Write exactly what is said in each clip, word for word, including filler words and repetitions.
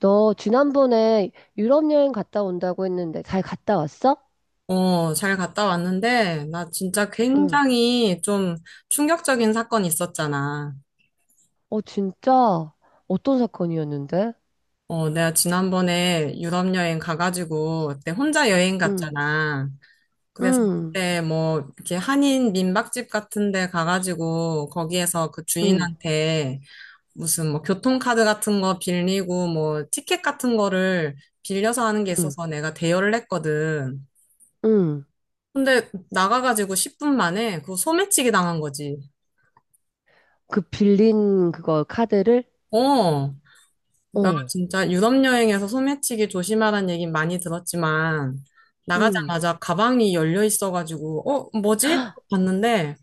너 지난번에 유럽 여행 갔다 온다고 했는데 잘 갔다 왔어? 어, 잘 갔다 왔는데, 나 진짜 응. 굉장히 좀 충격적인 사건이 있었잖아. 어, 진짜? 어떤 사건이었는데? 어, 내가 지난번에 유럽 여행 가가지고, 그때 혼자 여행 응. 갔잖아. 그래서 응. 그때 뭐, 이렇게 한인 민박집 같은 데 가가지고, 거기에서 그 응. 주인한테 무슨 뭐 교통카드 같은 거 빌리고, 뭐 티켓 같은 거를 빌려서 하는 게 응. 있어서 내가 대여를 했거든. 응. 근데 나가가지고 십 분 만에 그거 소매치기 당한 거지. 그 빌린 그거 카드를? 어. 나 어. 진짜 유럽 여행에서 소매치기 조심하라는 얘긴 많이 들었지만 응. 나가자마자 가방이 열려 있어가지고 어 뭐지? 봤는데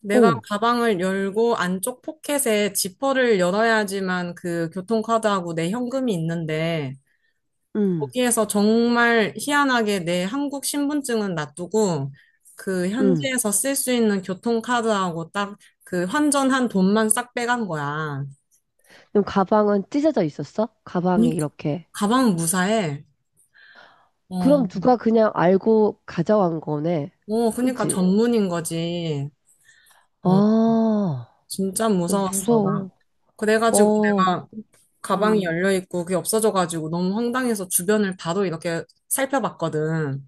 내가 어. 가방을 열고 안쪽 포켓에 지퍼를 열어야지만 그 교통카드하고 내 현금이 있는데 응. 거기에서 정말 희한하게 내 한국 신분증은 놔두고 그 응. 현지에서 쓸 수 있는 교통카드하고 딱 그 환전한 돈만 싹 빼간 거야. 그럼 가방은 찢어져 있었어? 가방이 이렇게. 가방 무사해. 그럼 어, 누가 그냥 알고 가져간 거네. 어, 그니까 그지? 전문인 거지. 아, 어, 어, 진짜 무서웠어, 나. 무서워. 그래가지고 어. 내가 가방이 응. 열려있고 그게 없어져가지고 너무 황당해서 주변을 바로 이렇게 살펴봤거든.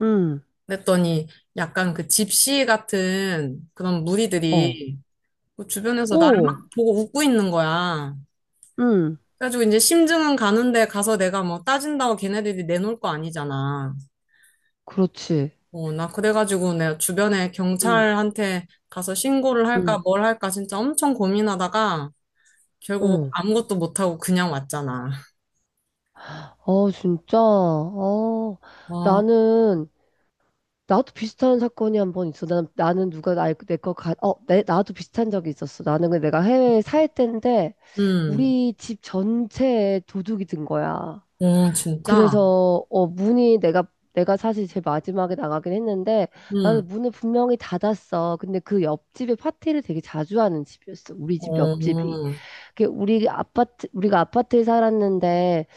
응. 그랬더니 약간 그 집시 같은 그런 어. 무리들이 그 주변에서 나를 오. 막 보고 웃고 있는 거야. 응. 그래가지고 이제 심증은 가는데 가서 내가 뭐 따진다고 걔네들이 내놓을 거 아니잖아. 그렇지. 어, 나 그래가지고 내가 주변에 응, 경찰한테 가서 신고를 응, 할까 뭘 할까 진짜 엄청 고민하다가 결국 응. 아무것도 못하고 그냥 왔잖아. 아, 진짜. 아, 아. 나는, 나도 비슷한 사건이 한번 있어. 난, 나는 누가 나, 내거 가, 어, 내, 나도 비슷한 적이 있었어. 나는 근데 내가 해외에 살 때인데, 음. 우리 집 전체에 도둑이 든 거야. 어, 진짜? 그래서, 어, 문이 내가, 내가 사실 제일 마지막에 나가긴 했는데, 음. 나는 문을 분명히 닫았어. 근데 그 옆집에 파티를 되게 자주 하는 집이었어. 우리 집 옆집이. 어. 그게 우리 아파트, 우리가 아파트에 살았는데,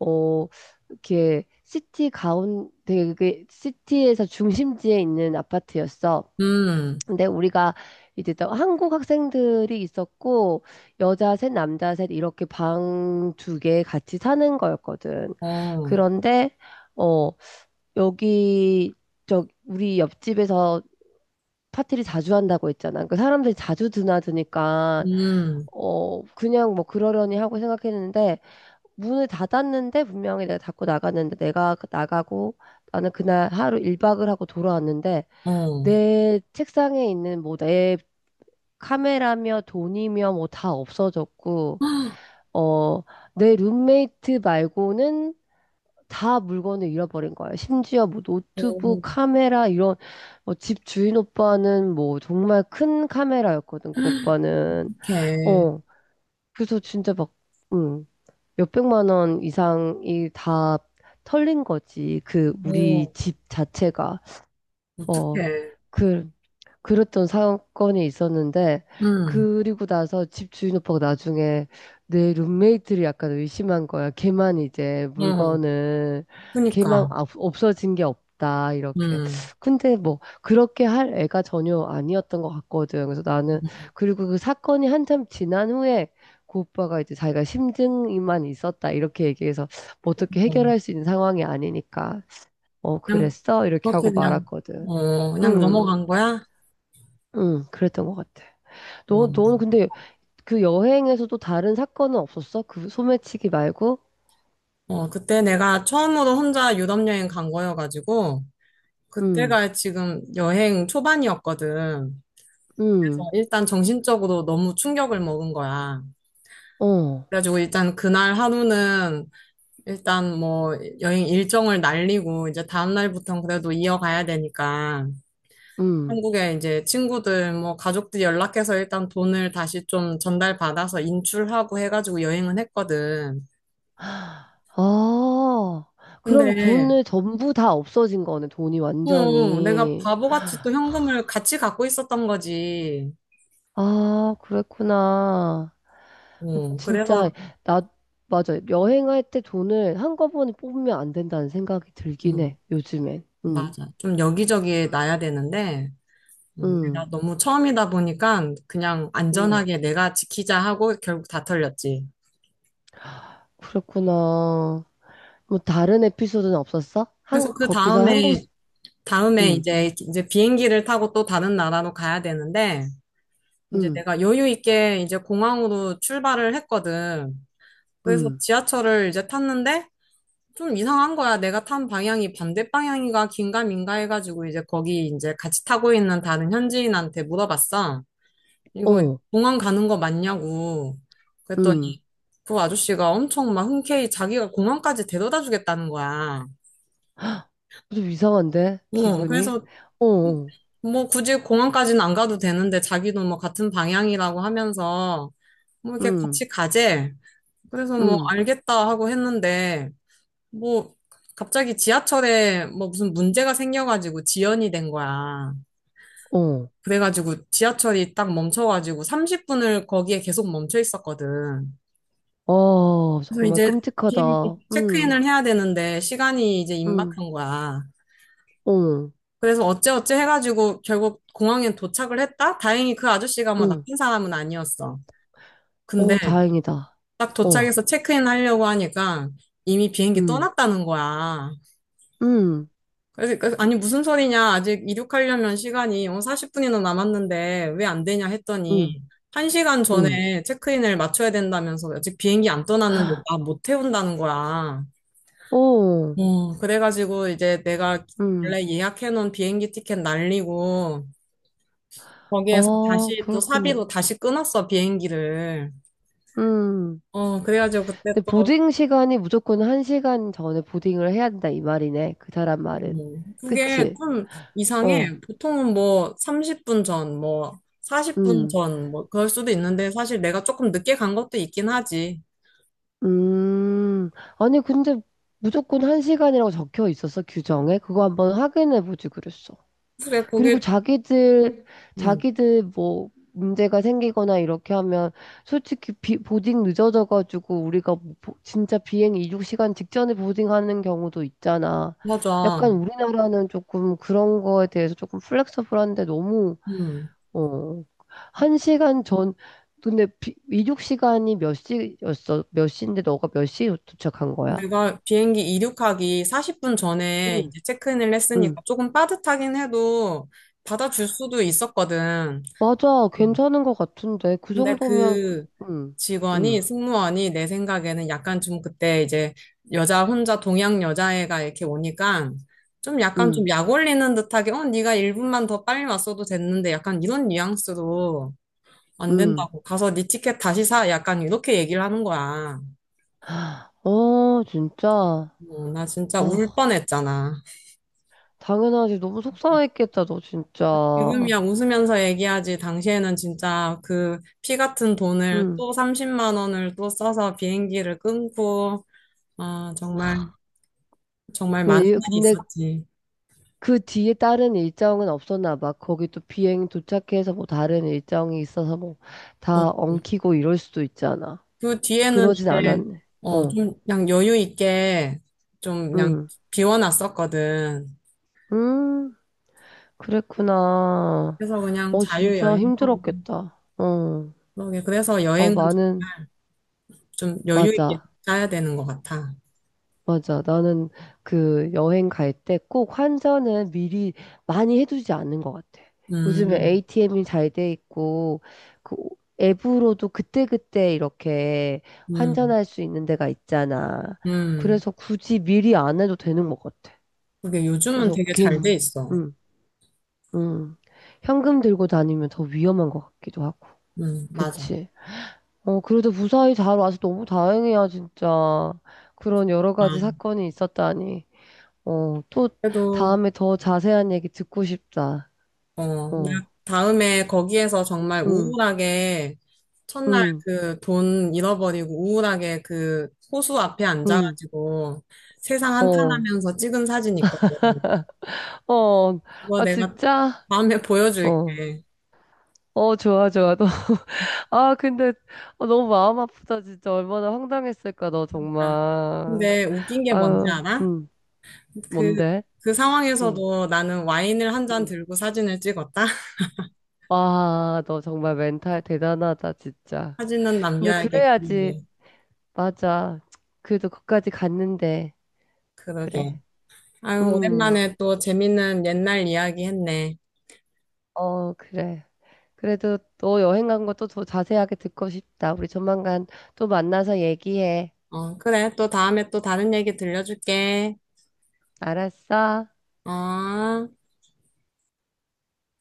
어, 이렇게 시티 가운, 되게 그게 시티에서 중심지에 있는 아파트였어. 음. 근데 우리가 이제 또 한국 학생들이 있었고, 여자 셋, 남자 셋, 이렇게 방 두 개 같이 사는 거였거든. 어. 그런데, 어, 여기, 저, 우리 옆집에서 파티를 자주 한다고 했잖아. 그 사람들이 자주 드나드니까 음. 어 그냥 뭐 그러려니 하고 생각했는데 문을 닫았는데 분명히 내가 닫고 나갔는데 내가 그 나가고 나는 그날 하루 일박을 하고 돌아왔는데 어. 내 책상에 있는 뭐 내 카메라며 돈이며 뭐 다 없어졌고 헉. 어 내 룸메이트 말고는 다 물건을 잃어버린 거예요. 심지어 뭐 노트북, 어. 카메라 이런 뭐 집 주인 오빠는 뭐 정말 큰 카메라였거든. 그 오빠는 어떡해. 어 그래서 진짜 막 음, 몇백만 원 이상이 다 털린 거지. 그 우리 어. 집 자체가 어 어떡해. 그 그랬던 사건이 있었는데, 음. 그리고 나서 집 주인 오빠가 나중에 내 룸메이트를 약간 의심한 거야. 걔만 이제 어, 물건을, 걔만 그니까. 없- 없어진 게 없다, 이렇게. 음. 근데 뭐, 그렇게 할 애가 전혀 아니었던 것 같거든. 그래서 나는, 그리고 그 사건이 한참 지난 후에, 그 오빠가 이제 자기가 심증이만 있었다, 이렇게 얘기해서, 뭐 어떻게 어, 해결할 수 있는 상황이 아니니까, 어, 그냥, 그랬어? 이렇게 그렇게 하고 그냥, 말았거든. 어, 그냥 응. 넘어간 거야? 응, 그랬던 것 같아. 너, 어. 너는 근데 그 여행에서도 다른 사건은 없었어? 그 소매치기 말고? 어, 그때 내가 처음으로 혼자 유럽 여행 간 거여가지고, 응, 그때가 지금 여행 초반이었거든. 응, 그래서 일단 정신적으로 너무 충격을 먹은 거야. 어, 그래가지고 일단 그날 하루는 일단 뭐 여행 일정을 날리고 이제 다음날부터는 그래도 이어가야 되니까 응. 한국에 이제 친구들 뭐 가족들 연락해서 일단 돈을 다시 좀 전달받아서 인출하고 해가지고 여행은 했거든. 아, 근데 그럼 돈을 전부 다 없어진 거네, 돈이 어, 내가 완전히. 바보같이 또 현금을 같이 갖고 있었던 거지. 아, 그랬구나. 어, 진짜, 그래서 나, 맞아. 여행할 때 돈을 한꺼번에 뽑으면 안 된다는 생각이 들긴 음, 해, 요즘엔. 응, 맞아. 좀 여기저기에 놔야 되는데 음, 응, 내가 너무 처음이다 보니까 그냥 응. 안전하게 내가 지키자 하고 결국 다 털렸지. 그랬구나. 뭐 다른 에피소드는 없었어? 한 그래서 그 거기서 한국 다음에, 다음에 응, 이제, 이제 비행기를 타고 또 다른 나라로 가야 되는데, 이제 응, 내가 여유 있게 이제 공항으로 출발을 했거든. 그래서 응, 지하철을 이제 탔는데, 좀 이상한 거야. 내가 탄 방향이 반대 방향인가 긴가 민가 해가지고 이제 거기 이제 같이 타고 있는 다른 현지인한테 물어봤어. 이거 어, 공항 가는 거 맞냐고. 응. 그랬더니 그 아저씨가 엄청 막 흔쾌히 자기가 공항까지 데려다 주겠다는 거야. 좀 이상한데 어, 기분이? 그래서 어, 어, 뭐 굳이 공항까지는 안 가도 되는데 자기도 뭐 같은 방향이라고 하면서 뭐 이렇게 응, 같이 가재. 그래서 뭐 응, 알겠다 하고 했는데 뭐 갑자기 지하철에 뭐 무슨 문제가 생겨가지고 지연이 된 거야. 어, 그래가지고 지하철이 딱 멈춰가지고 삼십 분을 거기에 계속 멈춰 있었거든. 어, 그래서 정말 이제 끔찍하다. 비행기 응, 체크인을 해야 되는데 시간이 이제 응, 임박한 거야. 어, 그래서 어째어째 해가지고 결국 공항에 도착을 했다? 다행히 그 아저씨가 뭐 응, 나쁜 사람은 아니었어. 근데 어, 다행이다. 딱 어, 도착해서 체크인 하려고 하니까 이미 비행기 응, 떠났다는 거야. 응, 그래서 그- 아니 무슨 소리냐? 아직 이륙하려면 시간이 사십 분이나 남았는데 왜 안 되냐 응, 했더니 한 시간 응, 전에 체크인을 맞춰야 된다면서 아직 비행기 안 떠났는데 나 못 태운다는 거야. 어, 어, 그래가지고 이제 내가 응. 원래 예약해놓은 비행기 티켓 날리고 거기에서 아, 다시 또 그렇구나. 사비로 다시 끊었어 비행기를. 음. 어, 그래가지고 그때 근데 또 보딩 시간이 무조건 한시간 전에 보딩을 해야 된다 이 말이네. 그 사람 말은. 음, 그게 그치? 좀 어, 이상해. 보통은 뭐 삼십 분 전, 뭐 사십 분 음, 전, 뭐 그럴 수도 있는데 사실 내가 조금 늦게 간 것도 있긴 하지. 음. 아니, 근데 무조건 한 시간이라고 적혀 있었어, 규정에. 그거 한번 확인해보지 그랬어. 그래, 그리고 그게 자기들, 음, 자기들 뭐, 문제가 생기거나 이렇게 하면, 솔직히 비, 보딩 늦어져가지고, 우리가 뭐 보- 진짜 비행 이륙 시간 직전에 보딩하는 경우도 있잖아. 맞아. 약간 우리나라는 조금 그런 거에 대해서 조금 플렉서블한데 너무 음. 어. 한 시간 전, 근데 비, 이륙 시간이 몇 시였어? 몇 시인데 너가 몇 시에 도착한 거야? 내가 비행기 이륙하기 사십 분 전에 응. 이제 체크인을 응. 했으니까 조금 빠듯하긴 해도 받아줄 수도 있었거든. 맞아. 음. 괜찮은 것 같은데. 그 근데 정도면, 그, 그 응, 응, 직원이, 승무원이 내 생각에는 약간 좀 그때 이제 여자 혼자 동양 여자애가 이렇게 오니까 좀 약간 응, 좀 약 올리는 듯하게 어, 네가 일 분만 더 빨리 왔어도 됐는데 약간 이런 뉘앙스로 안 응. 된다고 가서 네 티켓 다시 사 약간 이렇게 얘기를 하는 거야. 어, 진짜. 어, 나 진짜 울 아, 뻔했잖아. 당연하지. 너무 속상했겠다, 너 진짜. 유금이야 웃으면서 얘기하지. 당시에는 진짜 그 피 같은 돈을 응. 또 삼십만 원을 또 써서 비행기를 끊고, 아, 정말, 정말 많은 왜, 이- 일이 근데 있었지. 그 뒤에 다른 일정은 없었나 봐. 거기 또 비행 도착해서 뭐 다른 일정이 있어서 뭐 어, 다 엉키고 이럴 수도 있잖아. 그 뒤에는 그러진 이제, 않았네. 어, 어, 좀 그냥 여유 있게 좀 그냥 음, 비워놨었거든. 음, 그랬구나. 그래서 그냥 어, 진짜 자유여행하고. 힘들었겠다. 어, 그러게. 그래서 어, 여행은 나는, 좀 여유 있게 맞아, 짜야 되는 것 같아. 맞아. 나는 그 여행 갈 때 꼭 환전을 미리 많이 해두지 않는 것 같아. 요즘에 음. 에이티엠이 잘 돼 있고, 그 앱으로도 그때그때 이렇게 음. 환전할 수 있는 데가 있잖아. 음. 그래서 굳이 미리 안 해도 되는 것 같아. 그게 요즘은 그래서 되게 잘 돼 긴, 있어. 음. 음, 현금 들고 다니면 더 위험한 것 같기도 하고. 음, 맞아. 그치. 어, 그래도 무사히 잘 와서 너무 다행이야, 진짜. 그런 여러 가지 아. 사건이 있었다니. 어, 또 그래도, 다음에 더 자세한 얘기 듣고 싶다. 어, 나 어, 다음에 거기에서 정말 응, 우울하게, 첫날 응, 그 돈 잃어버리고 우울하게 그 호수 앞에 응, 앉아가지고 세상 어, 한탄하면서 찍은 사진 있거든. 어, 그거 아, 내가 진짜? 다음에 어, 보여줄게. 어, 좋아, 좋아. 너, 아, 근데 어, 너무 마음 아프다, 진짜. 얼마나 황당했을까, 너 그러니까 정말. 근데 웃긴 게 뭔지 아유, 알아? 응, 그, 뭔데? 그 응, 상황에서도 나는 와인을 한 잔 응. 들고 사진을 찍었다? 와, 너 정말 멘탈 대단하다, 진짜. 사진은 근데 그래야지, 남겨야겠기. 맞아. 그래도 거기까지 갔는데, 그러게. 그래. 아유, 음, 오랜만에 또 재밌는 옛날 이야기 했네. 어, 그래. 그래도 너 여행 간 것도 더 자세하게 듣고 싶다. 우리 조만간 또 만나서 얘기해. 어, 그래. 또 다음에 또 다른 얘기 들려줄게. 알았어? 어.